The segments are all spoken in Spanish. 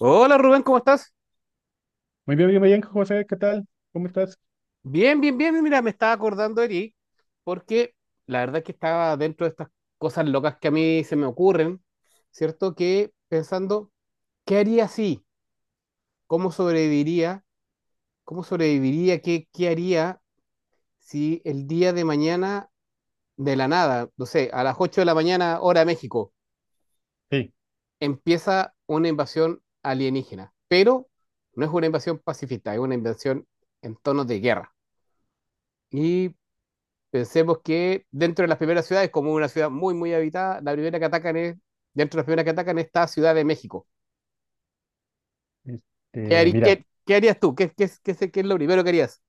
Hola Rubén, ¿cómo estás? Muy bien, José, ¿qué tal? ¿Cómo estás? Bien, bien, bien. Mira, me estaba acordando de ti porque la verdad es que estaba dentro de estas cosas locas que a mí se me ocurren, ¿cierto? Que pensando, ¿qué haría si? ¿Cómo sobreviviría? ¿Cómo sobreviviría? ¿Qué haría si el día de mañana, de la nada, no sé, a las 8 de la mañana, hora México, Sí, empieza una invasión alienígena? Pero no es una invasión pacifista, es una invasión en tonos de guerra. Y Pensemos que dentro de las primeras ciudades, como una ciudad muy, muy habitada, la primera que atacan es, dentro de las primeras que atacan está Ciudad de México. ¿Qué, este, mira, qué harías tú? ¿Qué es lo primero que harías?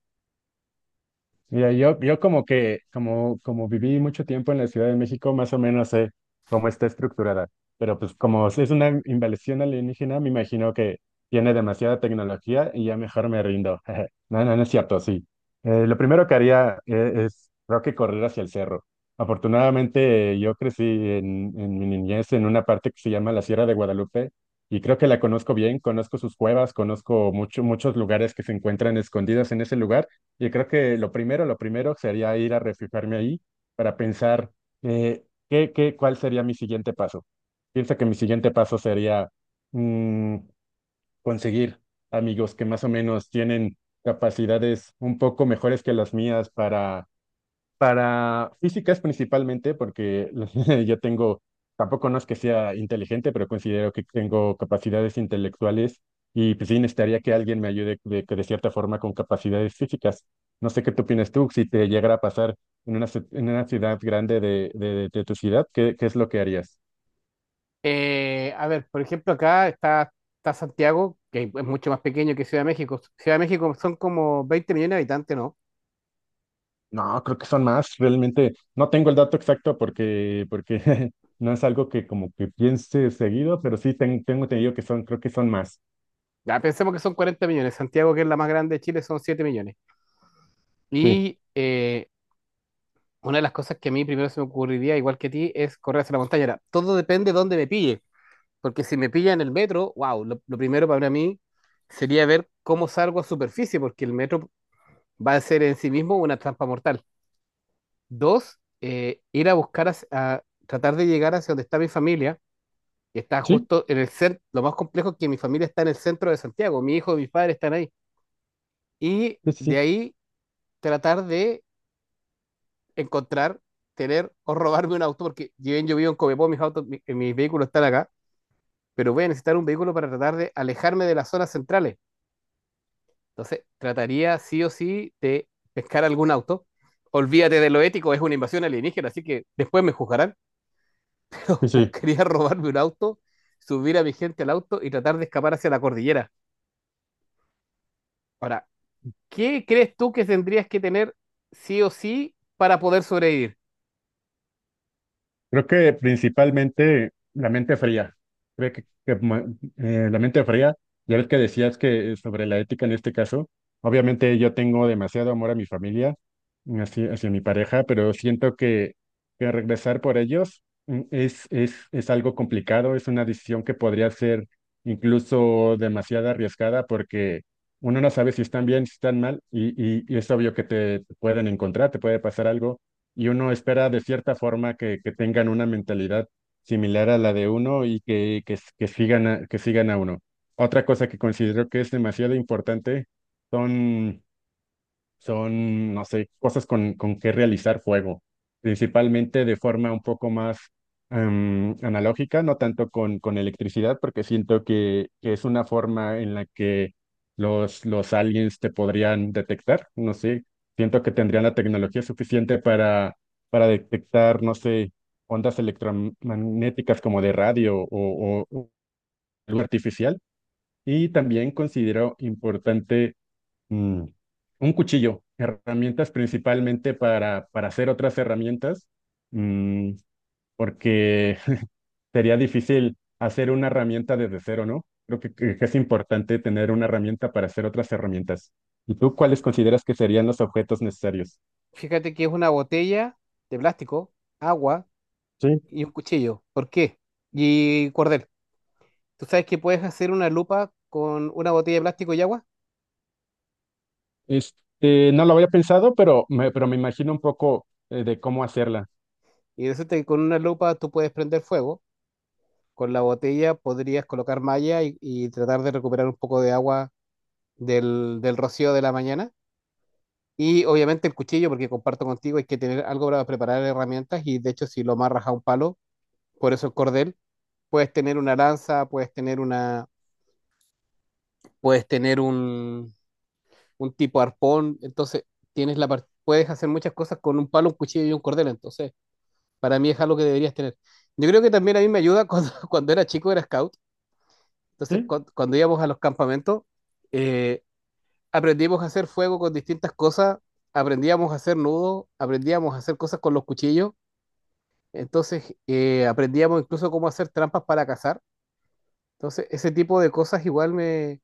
Mira, yo como que, como viví mucho tiempo en la Ciudad de México, más o menos sé cómo está estructurada. Pero pues como es una invasión alienígena, me imagino que tiene demasiada tecnología y ya mejor me rindo. No, no, no es cierto, sí. Lo primero que haría es, creo que correr hacia el cerro. Afortunadamente, yo crecí en mi niñez en una parte que se llama la Sierra de Guadalupe y creo que la conozco bien, conozco sus cuevas, conozco mucho, muchos lugares que se encuentran escondidos en ese lugar. Yo creo que lo primero sería ir a refugiarme ahí para pensar qué, qué, cuál sería mi siguiente paso. Pienso que mi siguiente paso sería mm, conseguir amigos que más o menos tienen capacidades un poco mejores que las mías para físicas principalmente, porque yo tengo, tampoco no es que sea inteligente, pero considero que tengo capacidades intelectuales y pues sí necesitaría que alguien me ayude de, que de cierta forma con capacidades físicas. No sé qué tú opinas tú, si te llegara a pasar en una, ci- en una ciudad grande de tu ciudad, ¿qué, qué es lo que harías? A ver, por ejemplo, acá está, está Santiago, que es mucho más pequeño que Ciudad de México. Ciudad de México son como 20 millones de habitantes, ¿no? No, creo que son más, realmente no tengo el dato exacto porque no es algo que como que piense seguido, pero sí ten- tengo entendido que son, creo que son más. Ya, pensemos que son 40 millones. Santiago, que es la más grande de Chile, son 7 millones. Sí. Y eh, una de las cosas que a mí primero se me ocurriría, igual que a ti, es correr hacia la montaña. Ahora, todo depende de dónde me pille. Porque si me pilla en el metro, wow, lo primero para mí sería ver cómo salgo a superficie, porque el metro va a ser en sí mismo una trampa mortal. Dos, ir a buscar, tratar de llegar hacia donde está mi familia, que está Sí, justo en el centro, lo más complejo es que mi familia está en el centro de Santiago, mi hijo y mis padres están ahí. Y sí, sí. de ahí tratar de encontrar, tener o robarme un auto, porque yo vivo en Copiapó, mis autos, mis vehículos están acá, pero voy a necesitar un vehículo para tratar de alejarme de las zonas centrales. Entonces, trataría sí o sí de pescar algún auto. Olvídate de lo ético, es una invasión alienígena, así que después me juzgarán. Sí, sí. Buscaría robarme un auto, subir a mi gente al auto y tratar de escapar hacia la cordillera. Ahora, ¿qué crees tú que tendrías que tener sí o sí para poder sobrevivir? Creo que principalmente la mente fría. Creo que, ma- la mente fría, ya ves que decías que sobre la ética en este caso, obviamente yo tengo demasiado amor a mi familia, hacia, hacia mi pareja, pero siento que regresar por ellos es algo complicado, es una decisión que podría ser incluso demasiado arriesgada porque uno no sabe si están bien, si están mal, y es obvio que te pueden encontrar, te puede pasar algo y uno espera de cierta forma que tengan una mentalidad similar a la de uno y que, s- que sigan a uno. Otra cosa que considero que es demasiado importante son son, no sé, cosas con que realizar fuego, principalmente de forma un poco más analógica, no tanto con electricidad, porque siento que es una forma en la que los aliens te podrían detectar, no sé, siento que tendrían la tecnología suficiente para detectar, no sé, ondas electromagnéticas como de radio o algo artificial. Y también considero importante mm, un cuchillo, herramientas principalmente para hacer otras herramientas, mm, porque sería difícil hacer una herramienta desde cero, ¿no? Creo que es importante tener una herramienta para hacer otras herramientas. ¿Y tú cuáles consideras que serían los objetos necesarios? Fíjate que es una botella de plástico, agua Sí. y un cuchillo. ¿Por qué? Y cordel. Tú sabes que puedes hacer una lupa con una botella de plástico y agua, Este, no lo había pensado, pero me imagino un poco de cómo hacerla. y resulta que con una lupa tú puedes prender fuego. Con la botella podrías colocar malla y tratar de recuperar un poco de agua del rocío de la mañana. Y obviamente el cuchillo, porque comparto contigo, hay que tener algo para preparar herramientas y de hecho si lo amarras a un palo, por eso el cordel, puedes tener una lanza, puedes tener una, puedes tener un tipo arpón, entonces puedes hacer muchas cosas con un palo, un cuchillo y un cordel, entonces para mí es algo que deberías tener. Yo creo que también a mí me ayuda cuando, cuando era chico, era scout, entonces ¿Sí? Cuando íbamos a los campamentos, eh, aprendimos a hacer fuego con distintas cosas, aprendíamos a hacer nudos, aprendíamos a hacer cosas con los cuchillos, entonces aprendíamos incluso cómo hacer trampas para cazar. Entonces, ese tipo de cosas igual me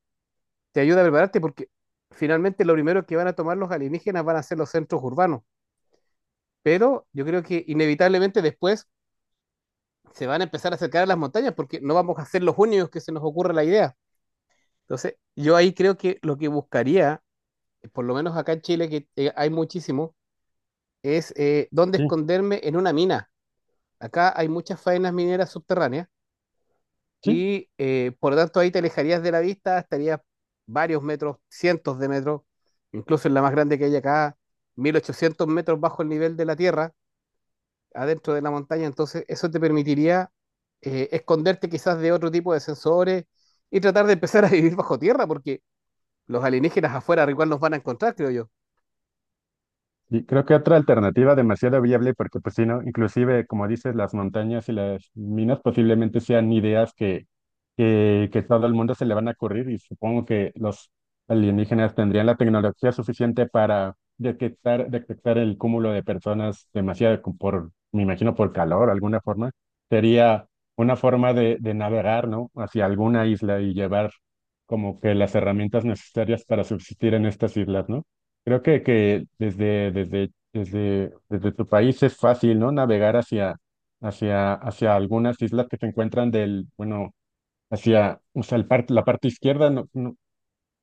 te ayuda a prepararte porque finalmente lo primero que van a tomar los alienígenas van a ser los centros urbanos, pero yo creo que inevitablemente después se van a empezar a acercar a las montañas porque no vamos a ser los únicos que se nos ocurra la idea. Entonces, yo ahí creo que lo que buscaría, por lo menos acá en Chile, que hay muchísimo, es dónde Sí, esconderme en una mina. Acá hay muchas faenas mineras subterráneas sí. y por lo tanto ahí te alejarías de la vista, estarías varios metros, cientos de metros, incluso en la más grande que hay acá, 1800 metros bajo el nivel de la tierra, adentro de la montaña. Entonces eso te permitiría esconderte quizás de otro tipo de sensores y tratar de empezar a vivir bajo tierra, porque los alienígenas afuera igual nos van a encontrar, creo yo. Y creo que otra alternativa demasiado viable, porque pues si no, inclusive, como dices, las montañas y las minas posiblemente sean ideas que todo el mundo se le van a ocurrir y supongo que los alienígenas tendrían la tecnología suficiente para detectar, detectar el cúmulo de personas demasiado co- por, me imagino, por calor, alguna forma. Sería una forma de navegar, ¿no? Hacia alguna isla y llevar como que las herramientas necesarias para subsistir en estas islas, ¿no? Creo que desde tu país es fácil, ¿no? Navegar hacia, hacia, hacia algunas islas que se encuentran del, bueno, hacia, o sea, el par- la parte izquierda, no, no,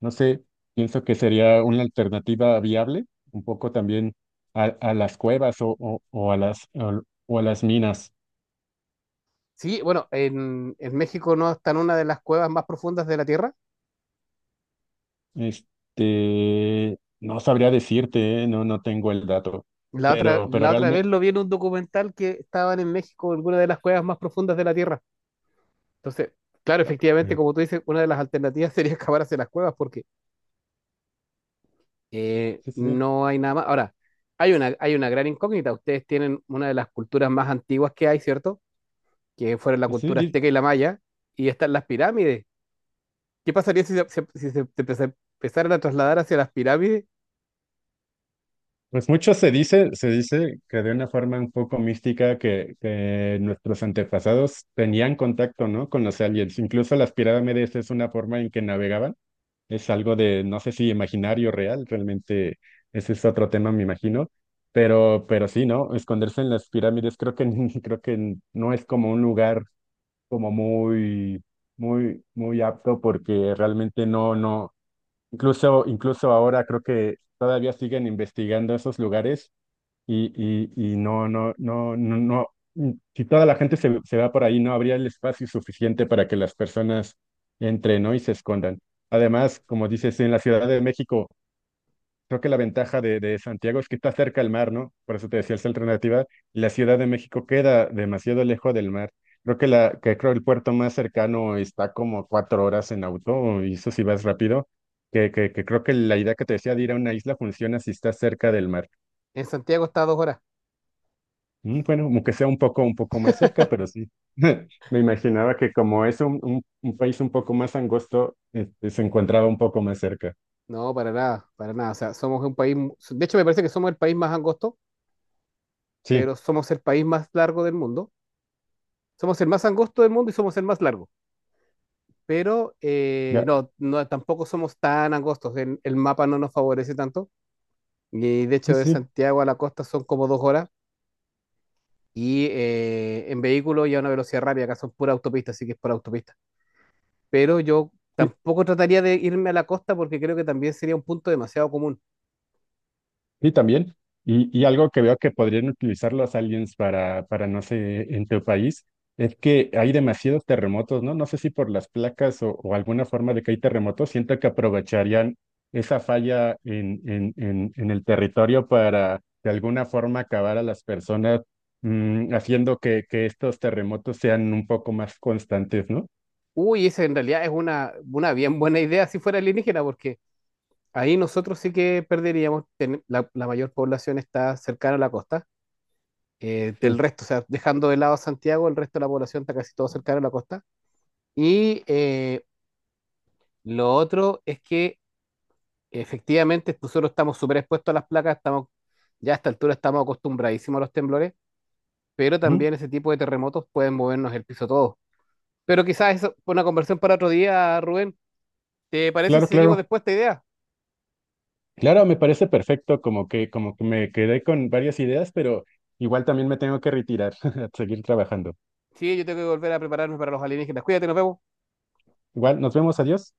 no sé, pienso que sería una alternativa viable, un poco también a las cuevas o a las minas. Sí, bueno, en México no está en una de las cuevas más profundas de la Tierra. Este, no sabría decirte, ¿eh? No, no tengo el dato, La otra, pero la otra vez realmente, lo vi en un documental que estaban en México, en alguna de las cuevas más profundas de la Tierra. Entonces, claro, efectivamente, como tú dices, una de las alternativas sería excavar hacia las cuevas porque sí, sí, no hay nada más. Ahora, hay una gran incógnita. Ustedes tienen una de las culturas más antiguas que hay, ¿cierto? Que fueron la sí, cultura sí. azteca y la maya, y están las pirámides. ¿Qué pasaría si empezaran a trasladar hacia las pirámides? Pues mucho se dice que de una forma un poco mística que nuestros antepasados tenían contacto, ¿no? Con los aliens. Incluso las pirámides es una forma en que navegaban. Es algo de, no sé si imaginario real, realmente ese es otro tema, me imagino. Pero sí, ¿no? Esconderse en las pirámides creo que, creo que no es como un lugar como muy, muy, muy apto porque realmente no, no. Incluso, incluso ahora creo que todavía siguen investigando esos lugares y, y no, no, no, no, no, si toda la gente se, se va por ahí, no habría el espacio suficiente para que las personas entren, ¿no? y se escondan. Además, como dices, en la Ciudad de México, creo que la ventaja de Santiago es que está cerca al mar, ¿no? Por eso te decía esa alternativa, y la Ciudad de México queda demasiado lejos del mar. Creo que, la, que creo el puerto más cercano está como 4 horas en auto, y eso si vas rápido, que creo que la idea que te decía de ir a una isla funciona si estás cerca del mar. En Santiago está a 2 horas. Mm, bueno, aunque sea un poco más cerca, pero sí. Me imaginaba que como es un país un poco más angosto, este, se encontraba un poco más cerca. No, para nada, para nada. O sea, somos un país, de hecho me parece que somos el país más angosto, Sí, pero somos el país más largo del mundo. Somos el más angosto del mundo y somos el más largo. Pero ya, tampoco somos tan angostos. El mapa no nos favorece tanto. Y de sí, hecho, de sí. Santiago a la costa son como 2 horas. Y en vehículo y a una velocidad rápida, acá son pura autopista, así que es por autopista. Pero yo Sí. tampoco trataría de irme a la costa porque creo que también sería un punto demasiado común. Sí, también. Y algo que veo que podrían utilizar los aliens para, no sé, en tu país, es que hay demasiados terremotos, ¿no? No sé si por las placas o alguna forma de que hay terremotos, siento que aprovecharían esa falla en el territorio para de alguna forma acabar a las personas, haciendo que estos terremotos sean un poco más constantes, ¿no? Uy, esa en realidad es una bien buena idea si fuera alienígena, porque ahí nosotros sí que perderíamos, la mayor población está cercana a la costa, Sí. del resto, o sea, dejando de lado Santiago, el resto de la población está casi todo cercano a la costa. Y lo otro es que efectivamente nosotros estamos súper expuestos a las placas, estamos, ya a esta altura estamos acostumbradísimos a los temblores, pero Ujú. también ese tipo de terremotos pueden movernos el piso todo. Pero quizás eso fue una conversación para otro día, Rubén. ¿Te parece si Claro, seguimos claro. después esta idea? Claro, me parece perfecto, como que me quedé con varias ideas, pero igual también me tengo que retirar a seguir trabajando. Sí, yo tengo que volver a prepararme para los alienígenas. Cuídate, nos vemos. Igual, nos vemos, adiós.